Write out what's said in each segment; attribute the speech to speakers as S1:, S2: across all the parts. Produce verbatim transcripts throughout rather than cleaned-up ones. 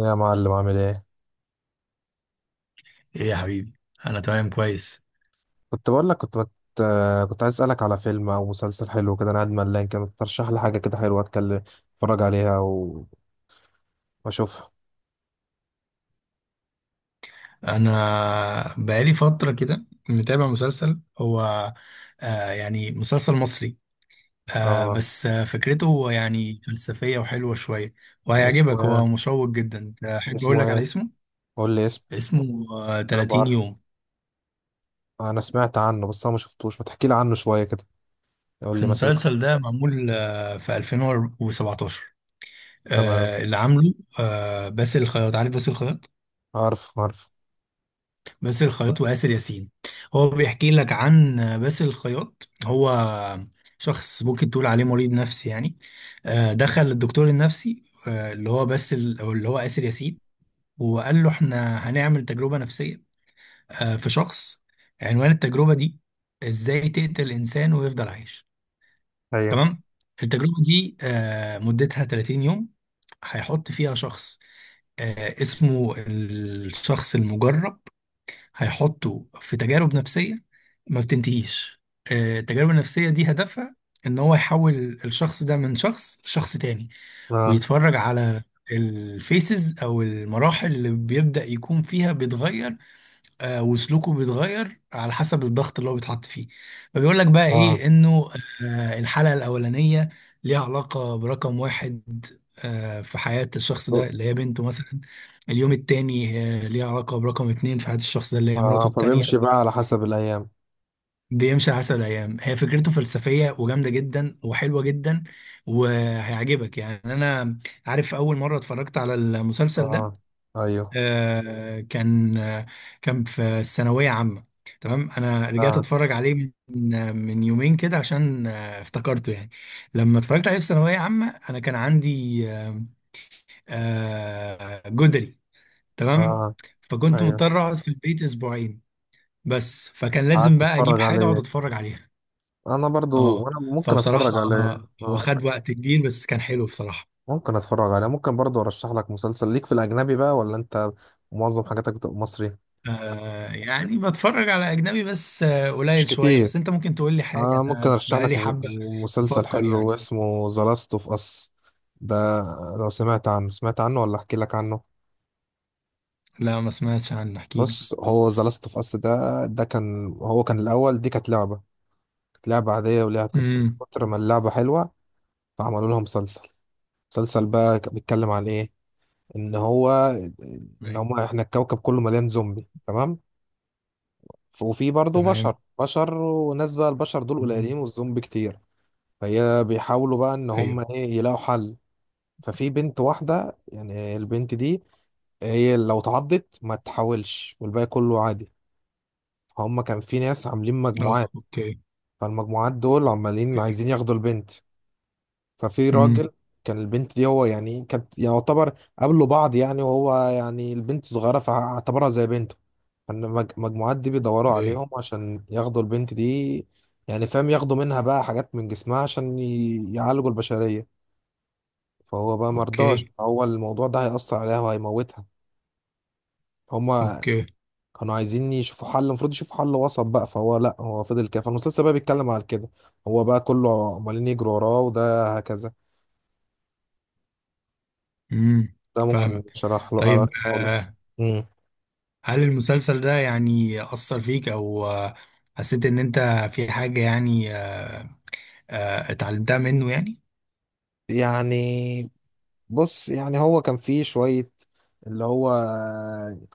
S1: يا معلم، عامل ايه؟
S2: ايه يا حبيبي؟ انا تمام كويس.
S1: كنت بقول لك، كنت بت... كنت عايز اسالك على فيلم او مسلسل حلو كده، انا قاعد ملان كده. ترشح لي حاجه كده حلوه اتكلم اتفرج عليها و- واشوفها.
S2: انا بقالي فتره كده متابع مسلسل هو آه يعني مسلسل مصري. آه
S1: اه.
S2: بس آه فكرته يعني فلسفيه وحلوه شويه
S1: اسمه
S2: وهيعجبك، هو
S1: ايه؟
S2: مشوق جدا، احب اقول
S1: اسمه
S2: لك على
S1: ايه؟
S2: اسمه
S1: قول لي اسمه.
S2: اسمه آه
S1: انا
S2: 30
S1: بعرف،
S2: يوم.
S1: انا سمعت عنه بس انا ما شفتوش. ما تحكي لي عنه شويه كده، قول لي مثلا إيه؟
S2: المسلسل ده معمول آه في ألفين وسبعتاشر،
S1: تمام.
S2: آه اللي عامله آه باسل الخياط، عارف باسل الخياط؟
S1: عارف عارف.
S2: باسل الخياط وآسر ياسين، هو بيحكي لك عن باسل الخياط، هو شخص ممكن تقول عليه مريض نفسي يعني. آه، دخل الدكتور النفسي، آه، اللي هو باسل أو اللي هو آسر ياسين، وقال له احنا هنعمل تجربة نفسية. آه، في شخص، عنوان التجربة دي ازاي تقتل إنسان ويفضل عايش.
S1: ايوه.
S2: تمام. التجربة دي آه، مدتها 30 يوم، هيحط فيها شخص آه، اسمه الشخص المجرب، هيحطوا في تجارب نفسية ما بتنتهيش. آه، التجارب النفسية دي هدفها ان هو يحول الشخص ده من شخص لشخص تاني،
S1: اه،
S2: ويتفرج على الفيسز او المراحل اللي بيبدأ يكون فيها بيتغير. آه، وسلوكه بيتغير على حسب الضغط اللي هو بيتحط فيه، فبيقول لك بقى
S1: اه،
S2: ايه انه آه، الحلقة الأولانية ليها علاقة برقم واحد آه، في حياة الشخص ده، اللي هي بنته مثلا. اليوم التاني آه، ليها علاقة برقم اتنين في حياة الشخص ده، اللي هي مراته
S1: اه. فبيمشي
S2: التانية.
S1: بقى على حسب الايام.
S2: بيمشي على حسب الأيام، هي فكرته فلسفية وجامدة جدا وحلوة جدا وهيعجبك يعني. أنا عارف، أول مرة اتفرجت على المسلسل ده
S1: اه، ايوه،
S2: آه، كان آه، كان في الثانوية عامة. تمام، انا رجعت
S1: اه،
S2: اتفرج عليه من آه، من يومين كده، عشان آه، افتكرته يعني. لما اتفرجت عليه في ثانوية عامة انا كان عندي آه، آه، جدري. تمام،
S1: اه،
S2: فكنت
S1: ايوه.
S2: مضطر اقعد في البيت اسبوعين، بس فكان لازم
S1: قعدت
S2: بقى اجيب
S1: اتفرج
S2: حاجة اقعد
S1: عليه
S2: اتفرج عليها.
S1: انا برضو،
S2: اه.
S1: وانا ممكن
S2: فبصراحة
S1: اتفرج عليه
S2: آه، هو
S1: اه.
S2: خد وقت كبير بس كان حلو بصراحة.
S1: ممكن اتفرج عليه، ممكن برضو ارشح لك مسلسل ليك في الاجنبي بقى، ولا انت معظم حاجاتك بتبقى مصري؟
S2: آه يعني بتفرج على أجنبي بس آه
S1: مش
S2: قليل شوية،
S1: كتير.
S2: بس أنت ممكن تقول لي حاجة،
S1: آه ممكن
S2: أنا
S1: ارشح
S2: بقالي
S1: لك م-
S2: حبة
S1: م- مسلسل
S2: بفكر
S1: حلو
S2: يعني.
S1: اسمه ذا لاست اوف اس. ده لو سمعت عنه، سمعت عنه ولا احكي لك عنه؟
S2: لا ما سمعتش عنه، احكي لي.
S1: بص، هو ذا لاست اوف اس ده، ده كان هو كان الاول دي كانت لعبة كانت لعبة عادية، وليها قصة
S2: امم.
S1: من كتر ما اللعبة حلوة فعملوا لها مسلسل. مسلسل بقى ك- بيتكلم عن ايه؟ ان هو ان
S2: أيوة.
S1: هم احنا الكوكب كله مليان زومبي، تمام؟ ف- وفي برضه بشر،
S2: تمام.
S1: بشر وناس بقى، البشر دول
S2: مم.
S1: قليلين والزومبي كتير. فهي بيحاولوا بقى ان
S2: أيوه.
S1: هم ايه، يلاقوا حل. ففي بنت واحدة، يعني البنت دي هي لو تعضت ما تحاولش، والباقي كله عادي. هم كان في ناس عاملين
S2: أه،
S1: مجموعات،
S2: أوكي.
S1: فالمجموعات دول عمالين
S2: أوكي.
S1: عايزين ياخدوا البنت. ففي راجل،
S2: امم.
S1: كان البنت دي هو يعني كانت يعتبر، قابلوا بعض يعني، وهو يعني البنت صغيرة فاعتبرها زي بنته. فالمجموعات دي بيدوروا
S2: أوكي.
S1: عليهم عشان ياخدوا البنت دي، يعني فاهم، ياخدوا منها بقى حاجات من جسمها عشان ي- يعالجوا البشرية. فهو بقى مرضاش،
S2: أوكي.
S1: هو الموضوع ده هيأثر عليها وهيموتها. هما
S2: أوكي.
S1: كانوا عايزين يشوفوا حل، المفروض يشوفوا حل وسط بقى، فهو لا، هو فضل كده. فالمسلسل بقى بيتكلم على كده، هو بقى كله عمالين يجروا وراه وده هكذا.
S2: امم.
S1: ده ممكن
S2: فاهمك.
S1: شرح له،
S2: طيب
S1: أراك أقول لك.
S2: آه
S1: مم.
S2: هل المسلسل ده يعني أثر فيك، أو آه حسيت إن أنت في حاجة يعني آه آه، اتعلمتها منه يعني؟
S1: يعني بص، يعني هو كان فيه شوية، اللي هو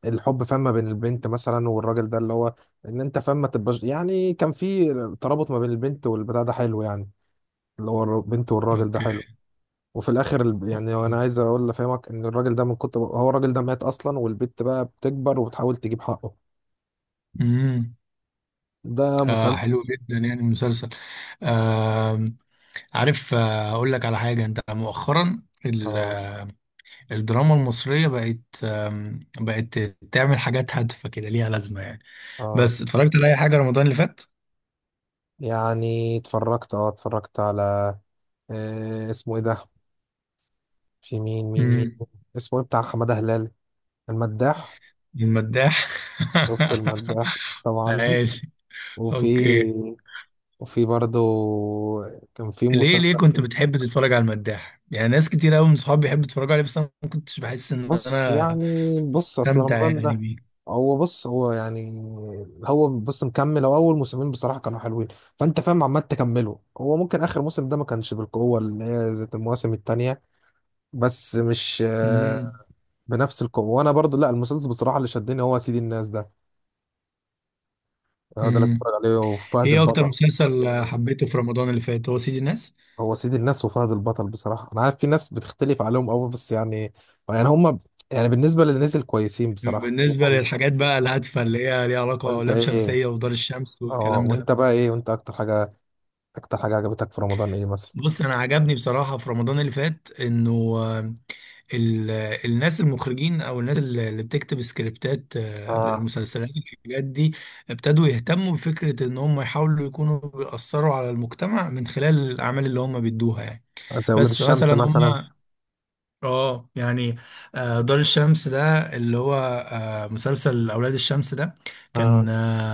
S1: الحب فما بين البنت مثلا والراجل ده، اللي هو ان انت فما تبقاش، يعني كان فيه ترابط ما بين البنت والبتاع ده حلو يعني، اللي هو البنت والراجل ده
S2: أوكي.
S1: حلو. وفي الاخر الب- يعني انا
S2: أوكي.
S1: عايز اقول لافهمك ان الراجل ده من كتر، هو الراجل ده مات اصلا، والبنت بقى بتكبر وبتحاول تجيب حقه.
S2: امم.
S1: ده
S2: آه
S1: مسلسل.
S2: حلو جدا يعني المسلسل. آه عارف، آه اقول لك على حاجه، انت مؤخرا ال-
S1: اه،
S2: الدراما المصريه بقت آم، بقت تعمل حاجات هادفه كده ليها لازمه يعني.
S1: اه.
S2: بس اتفرجت على اي حاجه رمضان اللي فات؟
S1: يعني اتفرجت، اه اتفرجت على، آه اسمه ايه ده، في مين، مين، مين،
S2: مم،
S1: اسمه إيه؟ بتاع حمادة هلال، المداح.
S2: المداح.
S1: شفت المداح طبعا.
S2: ماشي.
S1: وفي
S2: اوكي.
S1: وفي برضه كان في
S2: ليه ليه
S1: مسلسل.
S2: كنت بتحب تتفرج على المداح؟ يعني ناس كتير قوي من صحابي بيحبوا يتفرجوا عليه، بس انا ما كنتش بحس ان
S1: بص
S2: انا
S1: يعني، بص اصل
S2: استمتع
S1: رمضان
S2: يعني
S1: ده،
S2: بيه.
S1: هو بص، هو يعني، هو بص مكمل. هو اول موسمين بصراحة كانوا حلوين، فانت فاهم عمال تكمله، هو ممكن اخر موسم ده ما كانش بالقوة اللي هي زي المواسم التانية، بس مش آه، بنفس القوة. وانا برضو لا، المسلسل بصراحة اللي شدني هو سيدي الناس ده، هو ده اللي
S2: امم.
S1: بتفرج عليه، وفهد
S2: ايه اكتر
S1: البطل.
S2: مسلسل حبيته في رمضان اللي فات؟ هو سيد الناس؟
S1: هو سيد الناس وفهد البطل بصراحة، أنا عارف في ناس بتختلف عليهم أوي، بس يعني يعني هما، يعني بالنسبة للي نزل كويسين بصراحة
S2: بالنسبه
S1: شوفهم.
S2: للحاجات بقى الهادفه اللي هي ليها علاقه
S1: وأنت
S2: لام
S1: إيه،
S2: شمسيه ودار الشمس
S1: أه
S2: والكلام ده.
S1: وأنت بقى إيه، وأنت أكتر حاجة أكتر حاجة عجبتك في رمضان إيه مثلا؟
S2: بص، انا عجبني بصراحه في رمضان اللي فات انه آه، ال- الناس المخرجين او الناس اللي اللي بتكتب سكريبتات آه،
S1: آه
S2: للمسلسلات والحاجات دي، ابتدوا يهتموا بفكرة ان هم يحاولوا يكونوا بيأثروا على المجتمع من خلال الاعمال اللي هم بيدوها يعني.
S1: زي ولاد
S2: بس
S1: الشمس
S2: فمثلا هم
S1: مثلا.
S2: اه يعني آه، دار الشمس ده اللي هو آه، مسلسل اولاد الشمس ده
S1: آه
S2: كان آه،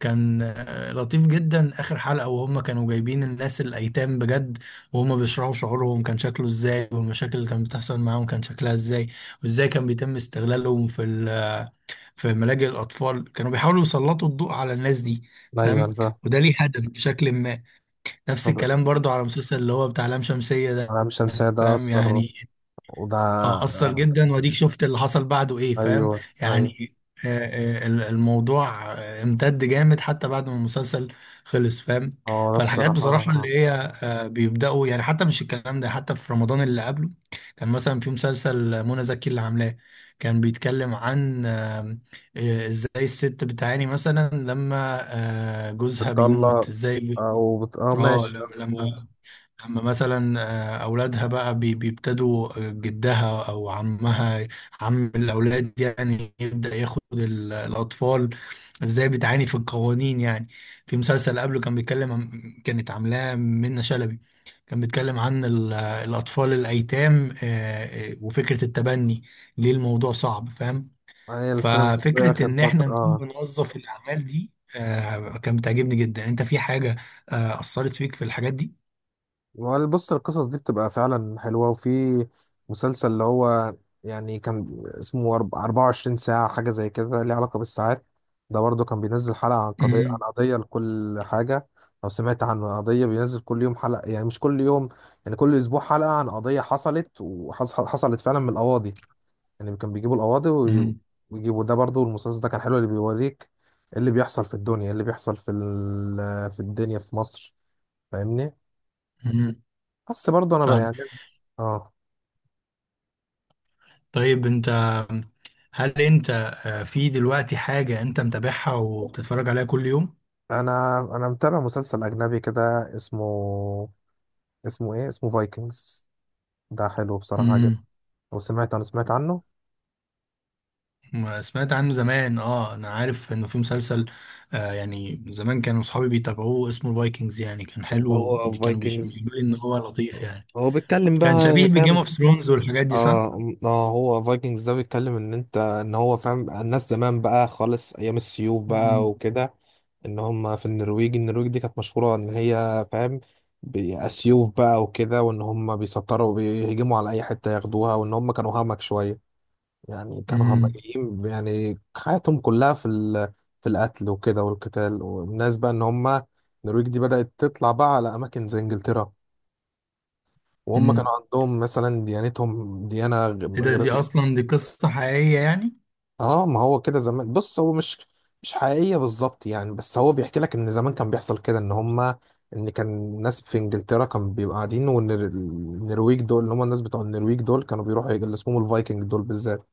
S2: كان آه، لطيف جدا. اخر حلقة وهم كانوا جايبين الناس الايتام بجد، وهم بيشرحوا شعورهم كان شكله ازاي، والمشاكل اللي كانت بتحصل معاهم كان شكلها ازاي، وازاي كان بيتم استغلالهم في ال- في ملاجئ الاطفال، كانوا بيحاولوا يسلطوا الضوء على الناس دي،
S1: أيوه
S2: فاهم؟
S1: ده.
S2: وده ليه هدف بشكل ما. نفس
S1: طب-
S2: الكلام برضو على مسلسل اللي هو بتاع لام شمسية ده،
S1: أنا مش شمسية ده
S2: فاهم
S1: أثر
S2: يعني؟
S1: وده
S2: اه، اثر جدا، واديك شفت اللي حصل بعده ايه، فاهم؟
S1: أيوه، أيوه،
S2: يعني آه، آه، ال- الموضوع آه، امتد جامد حتى بعد ما المسلسل خلص، فاهم؟
S1: أه ده
S2: فالحاجات
S1: بصراحة، آه
S2: بصراحة اللي
S1: آه
S2: هي آه، بيبدأوا يعني، حتى مش الكلام ده، حتى في رمضان اللي قبله كان مثلا في مسلسل منى زكي اللي عاملاه، كان بيتكلم عن آه، آه، ازاي الست بتعاني مثلا لما آه، جوزها
S1: بتطلع
S2: بيموت ازاي.
S1: أو بت... أه
S2: اه.
S1: ماشي، آه، بتموت.
S2: لما اما مثلا آه، اولادها بقى بي- بيبتدوا جدها او عمها، عم الاولاد يعني، يبدا ياخد ال- الاطفال، ازاي بتعاني في القوانين يعني. في مسلسل قبله كان بيتكلم عن، كانت عاملاه منة شلبي، كان بيتكلم عن ال- الاطفال الايتام آه، آه، وفكره التبني، ليه الموضوع صعب، فاهم؟
S1: هي السينما المصرية
S2: ففكره
S1: آخر
S2: ان احنا
S1: فترة
S2: نكون
S1: آه
S2: بنوظف الاعمال دي آه، كانت بتعجبني جدا. انت في حاجه آه، اثرت فيك في الحاجات دي؟
S1: وال- بص القصص دي بتبقى فعلا حلوة، وفي مسلسل اللي هو يعني كان اسمه أرب- أربعة وعشرين ساعة، حاجة زي كده ليه علاقة بالساعات. ده برضه كان بينزل حلقة عن قضية، عن قضية لكل حاجة. لو سمعت عنه، قضية بينزل كل يوم حلقة، يعني مش كل يوم، يعني كل أسبوع حلقة عن قضية حصلت، وحصلت فعلا من القواضي. يعني كان بيجيبوا القواضي وي-
S2: امم.
S1: ويجيبوا. ده برضه المسلسل ده كان حلو، اللي بيوريك إيه اللي بيحصل في الدنيا، إيه اللي بيحصل في ال- في الدنيا في مصر. فاهمني؟
S2: مم.
S1: بس برضه انا بقى
S2: فاهم.
S1: يعني، اه.
S2: طيب انت، هل انت آه، في دلوقتي حاجة انت متابعها وبتتفرج عليها كل يوم؟
S1: انا انا متابع مسلسل اجنبي كده، اسمه اسمه ايه، اسمه فايكنجز. ده حلو بصراحة جدا.
S2: امم.
S1: وسمعت، انا سمعت عنه
S2: ما سمعت عنه زمان، اه انا عارف انه في مسلسل آه يعني زمان، كانوا اصحابي بيتابعوه، اسمه الفايكنجز، يعني كان حلو.
S1: هو
S2: كانوا بيش-
S1: فايكنجز.
S2: بيقولوا لي ان هو لطيف يعني.
S1: هو بيتكلم
S2: كان شبيه
S1: بقى
S2: بجيم
S1: فاهم.
S2: اوف ثرونز والحاجات دي، صح؟
S1: اه، اه، هو فايكنجز ده بيتكلم ان انت، ان هو فاهم، الناس زمان بقى خالص، ايام السيوف بقى
S2: امم.
S1: وكده، ان هم في النرويج. النرويج دي كانت مشهورة ان هي فاهم، بي- سيوف بقى وكده، وان هم بيسطروا وبيهجموا على اي حتة ياخدوها، وان هم كانوا همك شوية، يعني كانوا
S2: امم.
S1: همجيين، يعني حياتهم كلها في ال... في القتل وكده والقتال. والناس بقى ان هم، النرويج دي بدأت تطلع بقى على اماكن زي انجلترا، وهم كانوا
S2: امم.
S1: عندهم مثلا ديانتهم ديانة غ-
S2: ايه ده؟
S1: غير.
S2: دي اصلا دي قصة حقيقية يعني؟
S1: اه، ما هو كده زمان، بص هو مش مش حقيقية بالظبط يعني، بس هو بيحكي لك ان زمان كان بيحصل كده، ان هم، ان كان الناس في انجلترا كانوا بيبقوا قاعدين، وان ال- النرويج دول اللي هم الناس بتوع النرويج دول كانوا بيروحوا، اللي اسمهم الفايكنج دول بالذات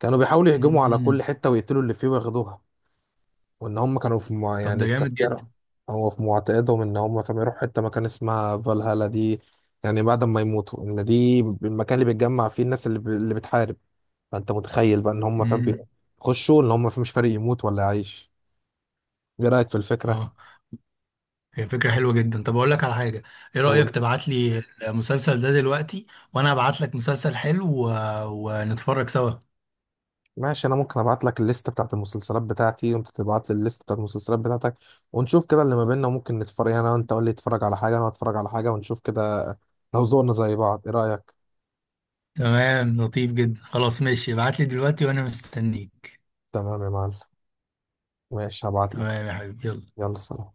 S1: كانوا بيحاولوا يهجموا على
S2: امم.
S1: كل حتة ويقتلوا اللي فيه وياخدوها. وان هم كانوا في مع...
S2: طب
S1: يعني
S2: ده
S1: في
S2: جامد
S1: تفكيرهم،
S2: جدا.
S1: هو في معتقدهم ان هم فما يروحوا حته مكان اسمها فالهالا دي، يعني بعد ما يموتوا ان دي المكان اللي بيتجمع فيه الناس اللي، ب... اللي بتحارب. فانت متخيل بقى ان هم فاهم،
S2: امم.
S1: بيخشوا ان هم مش فارق يموت ولا يعيش. ايه رايك في الفكره؟
S2: اه، هي فكرة حلوة جدا. طب أقول لك على حاجة، إيه رأيك
S1: قول.
S2: تبعت لي المسلسل ده دلوقتي، وأنا أبعت لك مسلسل حلو و... ونتفرج سوا.
S1: ماشي، انا ممكن ابعت لك الليست بتاعت المسلسلات بتاعتي، وانت تبعت لي الليست بتاعت المسلسلات بتاعتك، ونشوف كده اللي ما بيننا، وممكن نتفرج يعني انا وانت. قول لي اتفرج على حاجه، انا اتفرج على حاجه، ونشوف كده لو ذوقنا زي بعض. ايه رايك؟
S2: تمام، لطيف جدا، خلاص ماشي، ابعت لي دلوقتي وأنا مستنيك.
S1: تمام يا معلم، ماشي هبعت لك.
S2: تمام يا حبيبي، يلا.
S1: يلا سلام.